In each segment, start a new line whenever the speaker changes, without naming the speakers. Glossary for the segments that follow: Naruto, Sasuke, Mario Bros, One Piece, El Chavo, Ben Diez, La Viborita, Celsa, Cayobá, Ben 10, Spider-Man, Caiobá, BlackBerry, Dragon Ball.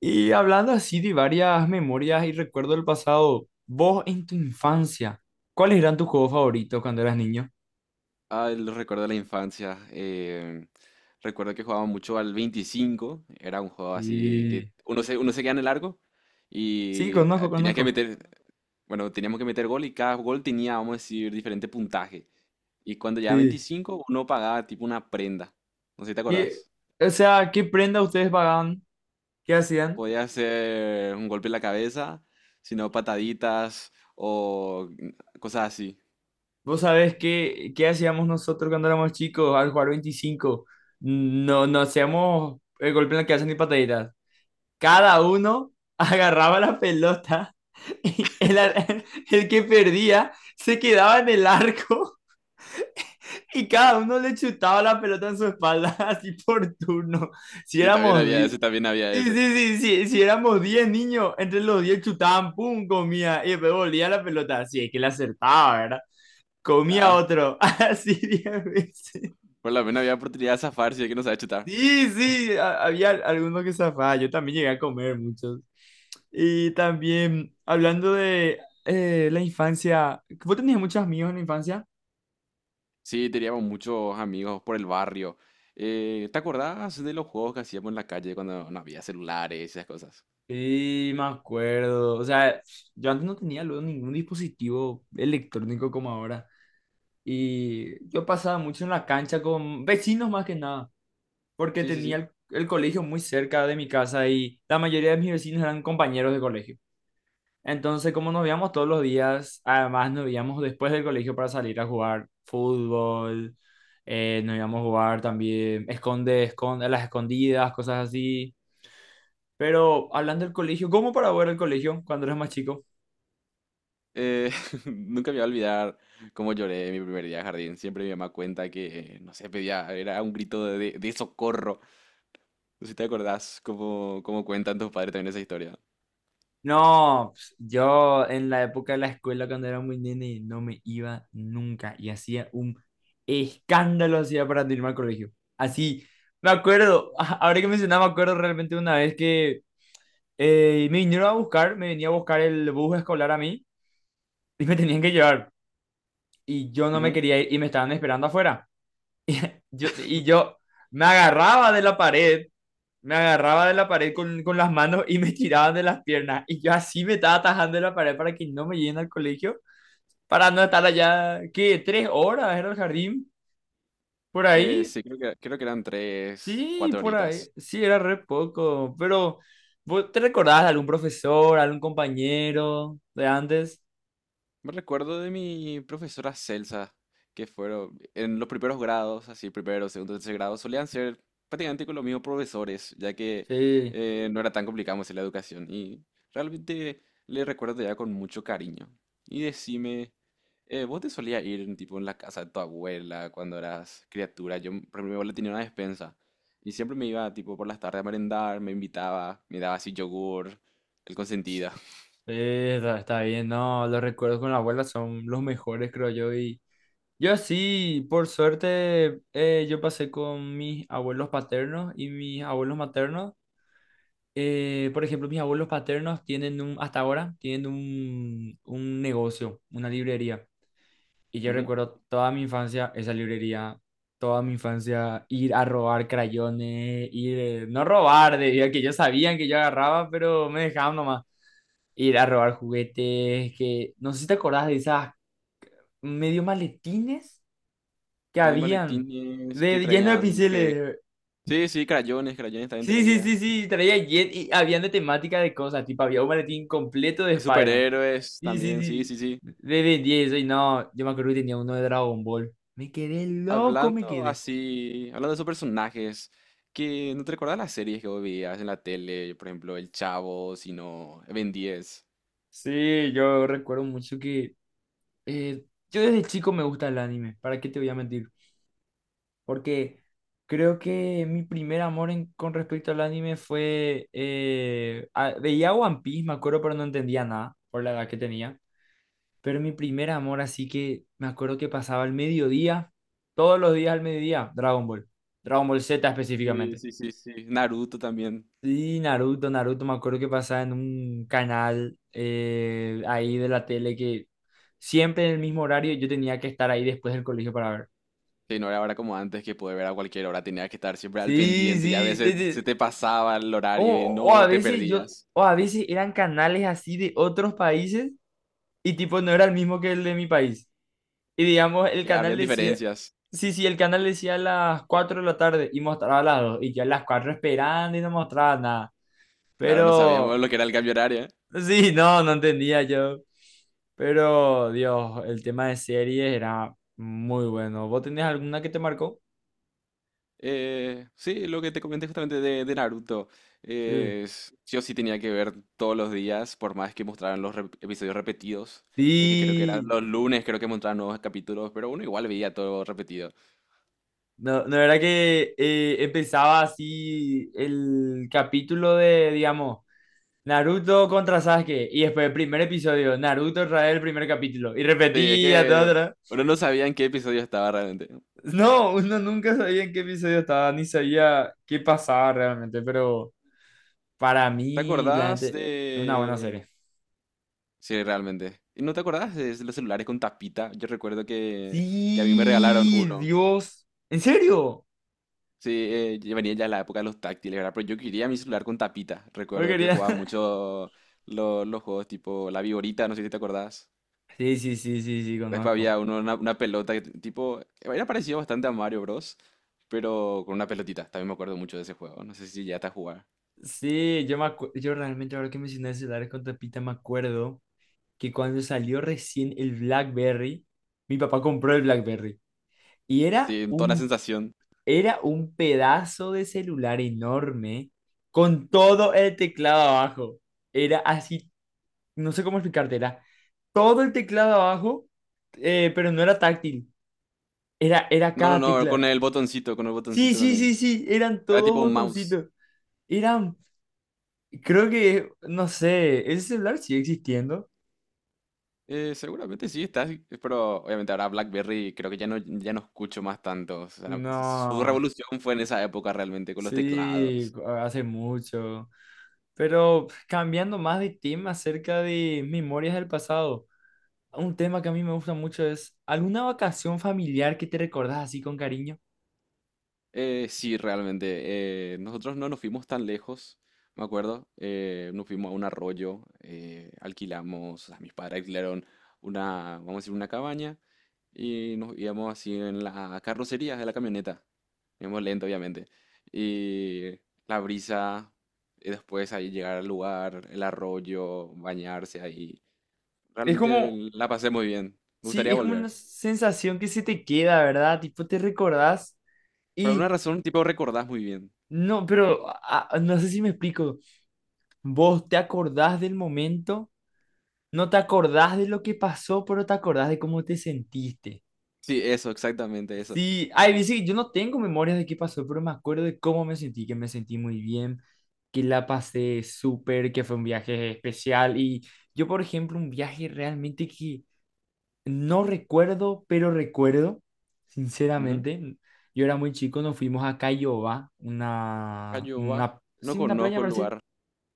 Y hablando así de varias memorias y recuerdos del pasado, vos en tu infancia, ¿cuáles eran tus juegos favoritos cuando eras niño?
Ah, el recuerdo de la infancia. Recuerdo que jugaba mucho al 25. Era un juego así que
Sí,
uno se queda en el largo
sí,
y
conozco,
tenía que
conozco.
meter, bueno, teníamos que meter gol y cada gol tenía, vamos a decir, diferente puntaje. Y cuando llegaba a
Sí,
25, uno pagaba tipo una prenda. No sé si te
¿Qué-
acordás.
o sea, ¿qué prenda ustedes pagaban? ¿Qué hacían?
Podía ser un golpe en la cabeza, sino pataditas o cosas así.
Vos sabés qué hacíamos nosotros cuando éramos chicos al jugar 25. No, no hacíamos el golpe en la cabeza ni pataditas. Cada uno agarraba la pelota y el que perdía se quedaba en el arco. Y cada uno le chutaba la pelota en su espalda, así por turno. Si
Y también
éramos
había
10.
ese, también había
Sí, sí,
ese.
sí, sí, si éramos 10 niños, entre los 10 chutaban, pum, comía, y después volvía la pelota, así es que le acertaba, ¿verdad? Comía
Claro.
otro, así 10 veces.
Por lo menos había oportunidad de zafarse si es que no sabía chutar.
Sí, sí, había algunos que zafaba, yo también llegué a comer muchos. Y también, hablando de la infancia, ¿vos tenías muchos amigos en la infancia?
Sí, teníamos muchos amigos por el barrio. ¿Te acordás de los juegos que hacíamos en la calle cuando no había celulares y esas cosas?
Sí, me acuerdo. O sea, yo antes no tenía luego ningún dispositivo electrónico como ahora. Y yo pasaba mucho en la cancha con vecinos más que nada, porque
Sí, sí,
tenía
sí.
el colegio muy cerca de mi casa y la mayoría de mis vecinos eran compañeros de colegio. Entonces, como nos veíamos todos los días, además nos veíamos después del colegio para salir a jugar fútbol, nos íbamos a jugar también esconde, esconde, a las escondidas, cosas así. Pero hablando del colegio, ¿cómo para ver el colegio cuando eras más chico?
Eh, nunca me voy a olvidar cómo lloré mi primer día de jardín. Siempre mi mamá cuenta que, no sé, pedía, era un grito de, de socorro. No sé si te acordás cómo, cómo cuentan tus padres también esa historia.
No, pues, yo en la época de la escuela cuando era muy nene no me iba nunca y hacía un escándalo hacía para no irme al colegio. Así, me acuerdo, ahora que mencionaba, me acuerdo realmente una vez que me vinieron a buscar, me venía a buscar el bus escolar a mí y me tenían que llevar y yo no me
Ujú.
quería ir y me estaban esperando afuera. Y yo me agarraba de la pared me agarraba de la pared con las manos y me tiraban de las piernas. Y yo así me estaba atajando de la pared para que no me lleguen al colegio, para no estar allá, ¿qué? ¿Tres horas era el jardín? ¿Por ahí?
Sí, creo que eran tres,
Sí,
cuatro
por ahí.
horitas.
Sí, era re poco. Pero, ¿vos ¿te recordás de algún profesor, algún compañero de antes?
Me recuerdo de mi profesora Celsa, que fueron en los primeros grados, así, primero, segundo, tercer grado, solían ser prácticamente con los mismos profesores, ya que
Sí,
no era tan complicado hacer la educación. Y realmente le recuerdo ya con mucho cariño. Y decime, ¿vos te solías ir tipo en la casa de tu abuela cuando eras criatura? Yo, por ejemplo, mi abuela tenía una despensa y siempre me iba tipo por las tardes a merendar, me invitaba, me daba así yogur, el consentida.
sí, está bien. No, los recuerdos con la abuela son los mejores, creo yo. Y yo sí, por suerte, yo pasé con mis abuelos paternos y mis abuelos maternos. Por ejemplo, mis abuelos paternos tienen un, hasta ahora, tienen un negocio, una librería. Y yo recuerdo toda mi infancia esa librería, toda mi infancia ir a robar crayones, no robar, debido a que ellos sabían que yo agarraba, pero me dejaban nomás. Ir a robar juguetes, que no sé si te acordás de esas medio maletines que
Medio
habían.
maletines que
De, lleno de
traían, que...
pinceles.
Sí, sí, crayones, crayones también
Sí, sí,
traía.
sí, sí. Traía Jet y habían de temática de cosas. Tipo, había un maletín completo de Spider-Man.
Superhéroes
Sí, sí,
también, sí, sí,
sí.
sí.
De Ben diez. Y no, yo me acuerdo que tenía uno de Dragon Ball. Me quedé loco, me
Hablando
quedé.
así, hablando de esos personajes, que no te recuerdas las series que vos veías en la tele, por ejemplo, El Chavo, sino Ben 10.
Sí, yo recuerdo mucho que, eh, yo desde chico me gusta el anime. ¿Para qué te voy a mentir? Porque creo que mi primer amor con respecto al anime fue. Veía One Piece, me acuerdo, pero no entendía nada por la edad que tenía. Pero mi primer amor, así que me acuerdo que pasaba al mediodía, todos los días al mediodía, Dragon Ball, Dragon Ball Z
Sí,
específicamente.
sí, sí, sí. Naruto también.
Y Naruto, Naruto, me acuerdo que pasaba en un canal ahí de la tele que siempre en el mismo horario yo tenía que estar ahí después del colegio para ver.
Sí, no era ahora como antes que poder ver a cualquier hora, tenías que estar siempre al
Sí,
pendiente y a
sí,
veces se te pasaba el
o,
horario y no te perdías.
o a veces eran canales así de otros países y tipo no era el mismo que el de mi país. Y digamos,
Sí, habían diferencias.
sí, sí, el canal decía a las 4 de la tarde y mostraba a las dos. Y yo a las 4 esperando y no mostraba nada.
Claro, no sabíamos
Pero,
lo que era el cambio horario. ¿Eh?
sí, no, no entendía yo. Pero, Dios, el tema de series era muy bueno. ¿Vos tenés alguna que te marcó?
Sí, lo que te comenté justamente de Naruto.
Sí.
Yo sí tenía que ver todos los días, por más que mostraran los episodios repetidos. Ya que creo que eran
Sí.
los lunes, creo que mostraban nuevos capítulos, pero uno igual veía todo repetido.
No, no era que empezaba así el capítulo de, digamos, Naruto contra Sasuke. Y después el primer episodio, Naruto otra vez el primer capítulo. Y
Sí, es
repetía todo
que
otra vez.
uno no sabía en qué episodio estaba realmente.
No, uno nunca sabía en qué episodio estaba, ni sabía qué pasaba realmente. Pero para
¿Te
mí, la gente,
acordás
es una buena
de...?
serie.
Sí, realmente. ¿Y no te acordás de los celulares con tapita? Yo recuerdo que a mí me regalaron
Sí,
uno.
Dios. ¿En serio?
Sí, ya venía ya la época de los táctiles, ¿verdad? Pero yo quería mi celular con tapita.
No
Recuerdo que
quería.
jugaba mucho los juegos tipo La Viborita, no sé si te acordás.
Sí, sí, sí, sí, sí,
Después
conozco.
había uno, una pelota que tipo, era parecido bastante a Mario Bros, pero con una pelotita. También me acuerdo mucho de ese juego. No sé si ya a jugar.
Sí, yo yo realmente ahora que mencioné celulares con tapita me acuerdo que cuando salió recién el BlackBerry, mi papá compró el BlackBerry. Y
Sí, toda una sensación.
era un pedazo de celular enorme con todo el teclado abajo. Era así, no sé cómo explicarte, era todo el teclado abajo, pero no era táctil, era,
No, no,
cada
no,
tecla.
con el
Sí,
botoncito
sí, sí,
también.
sí, eran
Era
todos
tipo un mouse.
botoncitos. Eran, Creo que, no sé, ese celular sigue existiendo.
Seguramente sí estás, pero obviamente ahora BlackBerry creo que ya no, ya no escucho más tanto. O sea, su
No,
revolución fue en esa época realmente con los
sí,
teclados.
hace mucho. Pero cambiando más de tema acerca de memorias del pasado. Un tema que a mí me gusta mucho es alguna vacación familiar que te recordás así con cariño.
Sí, realmente. Nosotros no nos fuimos tan lejos, me acuerdo. Nos fuimos a un arroyo, alquilamos, o sea, mis padres alquilaron una, vamos a decir, una cabaña y nos íbamos así en la carrocería de la camioneta. Íbamos lento, obviamente. Y la brisa, y después ahí llegar al lugar, el arroyo, bañarse ahí.
Es
Realmente
como,
la pasé muy bien. Me
sí,
gustaría
es como una
volver.
sensación que se te queda, ¿verdad? Tipo, te recordás
Por alguna
y
razón, tipo, recordás muy bien.
no, pero no sé si me explico. Vos te acordás del momento, no te acordás de lo que pasó, pero te acordás de cómo te sentiste.
Sí, eso, exactamente eso.
Sí, ay, dice que yo no tengo memorias de qué pasó, pero me acuerdo de cómo me sentí, que me sentí muy bien, que la pasé súper, que fue un viaje especial. Y yo, por ejemplo, un viaje realmente que no recuerdo, pero recuerdo, sinceramente. Yo era muy chico, nos fuimos a Caiobá,
Cayobá. No
sí, una playa
conozco
en
el
Brasil,
lugar.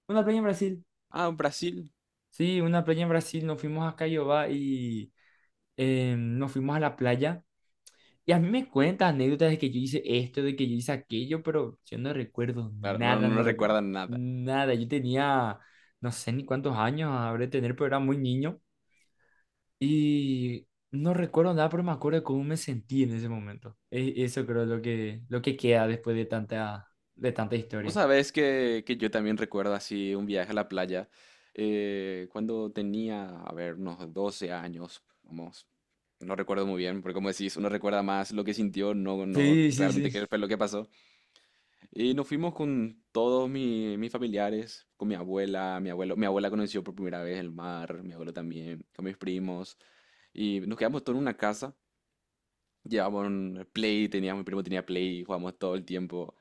una playa en Brasil,
Ah, Brasil.
sí, una playa en Brasil, nos fuimos a Caiobá y nos fuimos a la playa. Y a mí me cuentan anécdotas de que yo hice esto, de que yo hice aquello, pero yo no recuerdo
Claro, no,
nada, no
no
recuerdo
recuerdan nada.
nada. Yo tenía, no sé ni cuántos años habré de tener, pero era muy niño. Y no recuerdo nada, pero me acuerdo de cómo me sentí en ese momento. Eso creo es lo que, queda después de tanta
Vos
historia.
sabés que yo también recuerdo así un viaje a la playa cuando tenía, a ver, unos 12 años. Vamos, no recuerdo muy bien, porque como decís, uno recuerda más lo que sintió, no, no
Sí, sí,
realmente
sí.
qué fue lo que pasó. Y nos fuimos con todos mis familiares, con mi abuela, mi abuelo. Mi abuela conoció por primera vez el mar, mi abuelo también, con mis primos. Y nos quedamos todos en una casa. Llevábamos un Play, tenía, mi primo tenía Play, jugábamos todo el tiempo.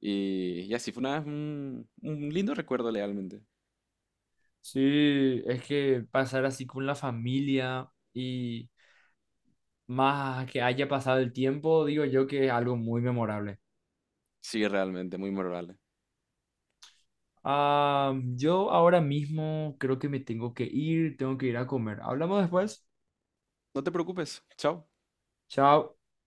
Y así fue una, un lindo recuerdo realmente.
Sí, es que pasar así con la familia y más que haya pasado el tiempo, digo yo que es algo muy memorable.
Sí, realmente, muy memorable.
Ah, yo ahora mismo creo que me tengo que ir a comer. Hablamos después.
No te preocupes, chao.
Chao.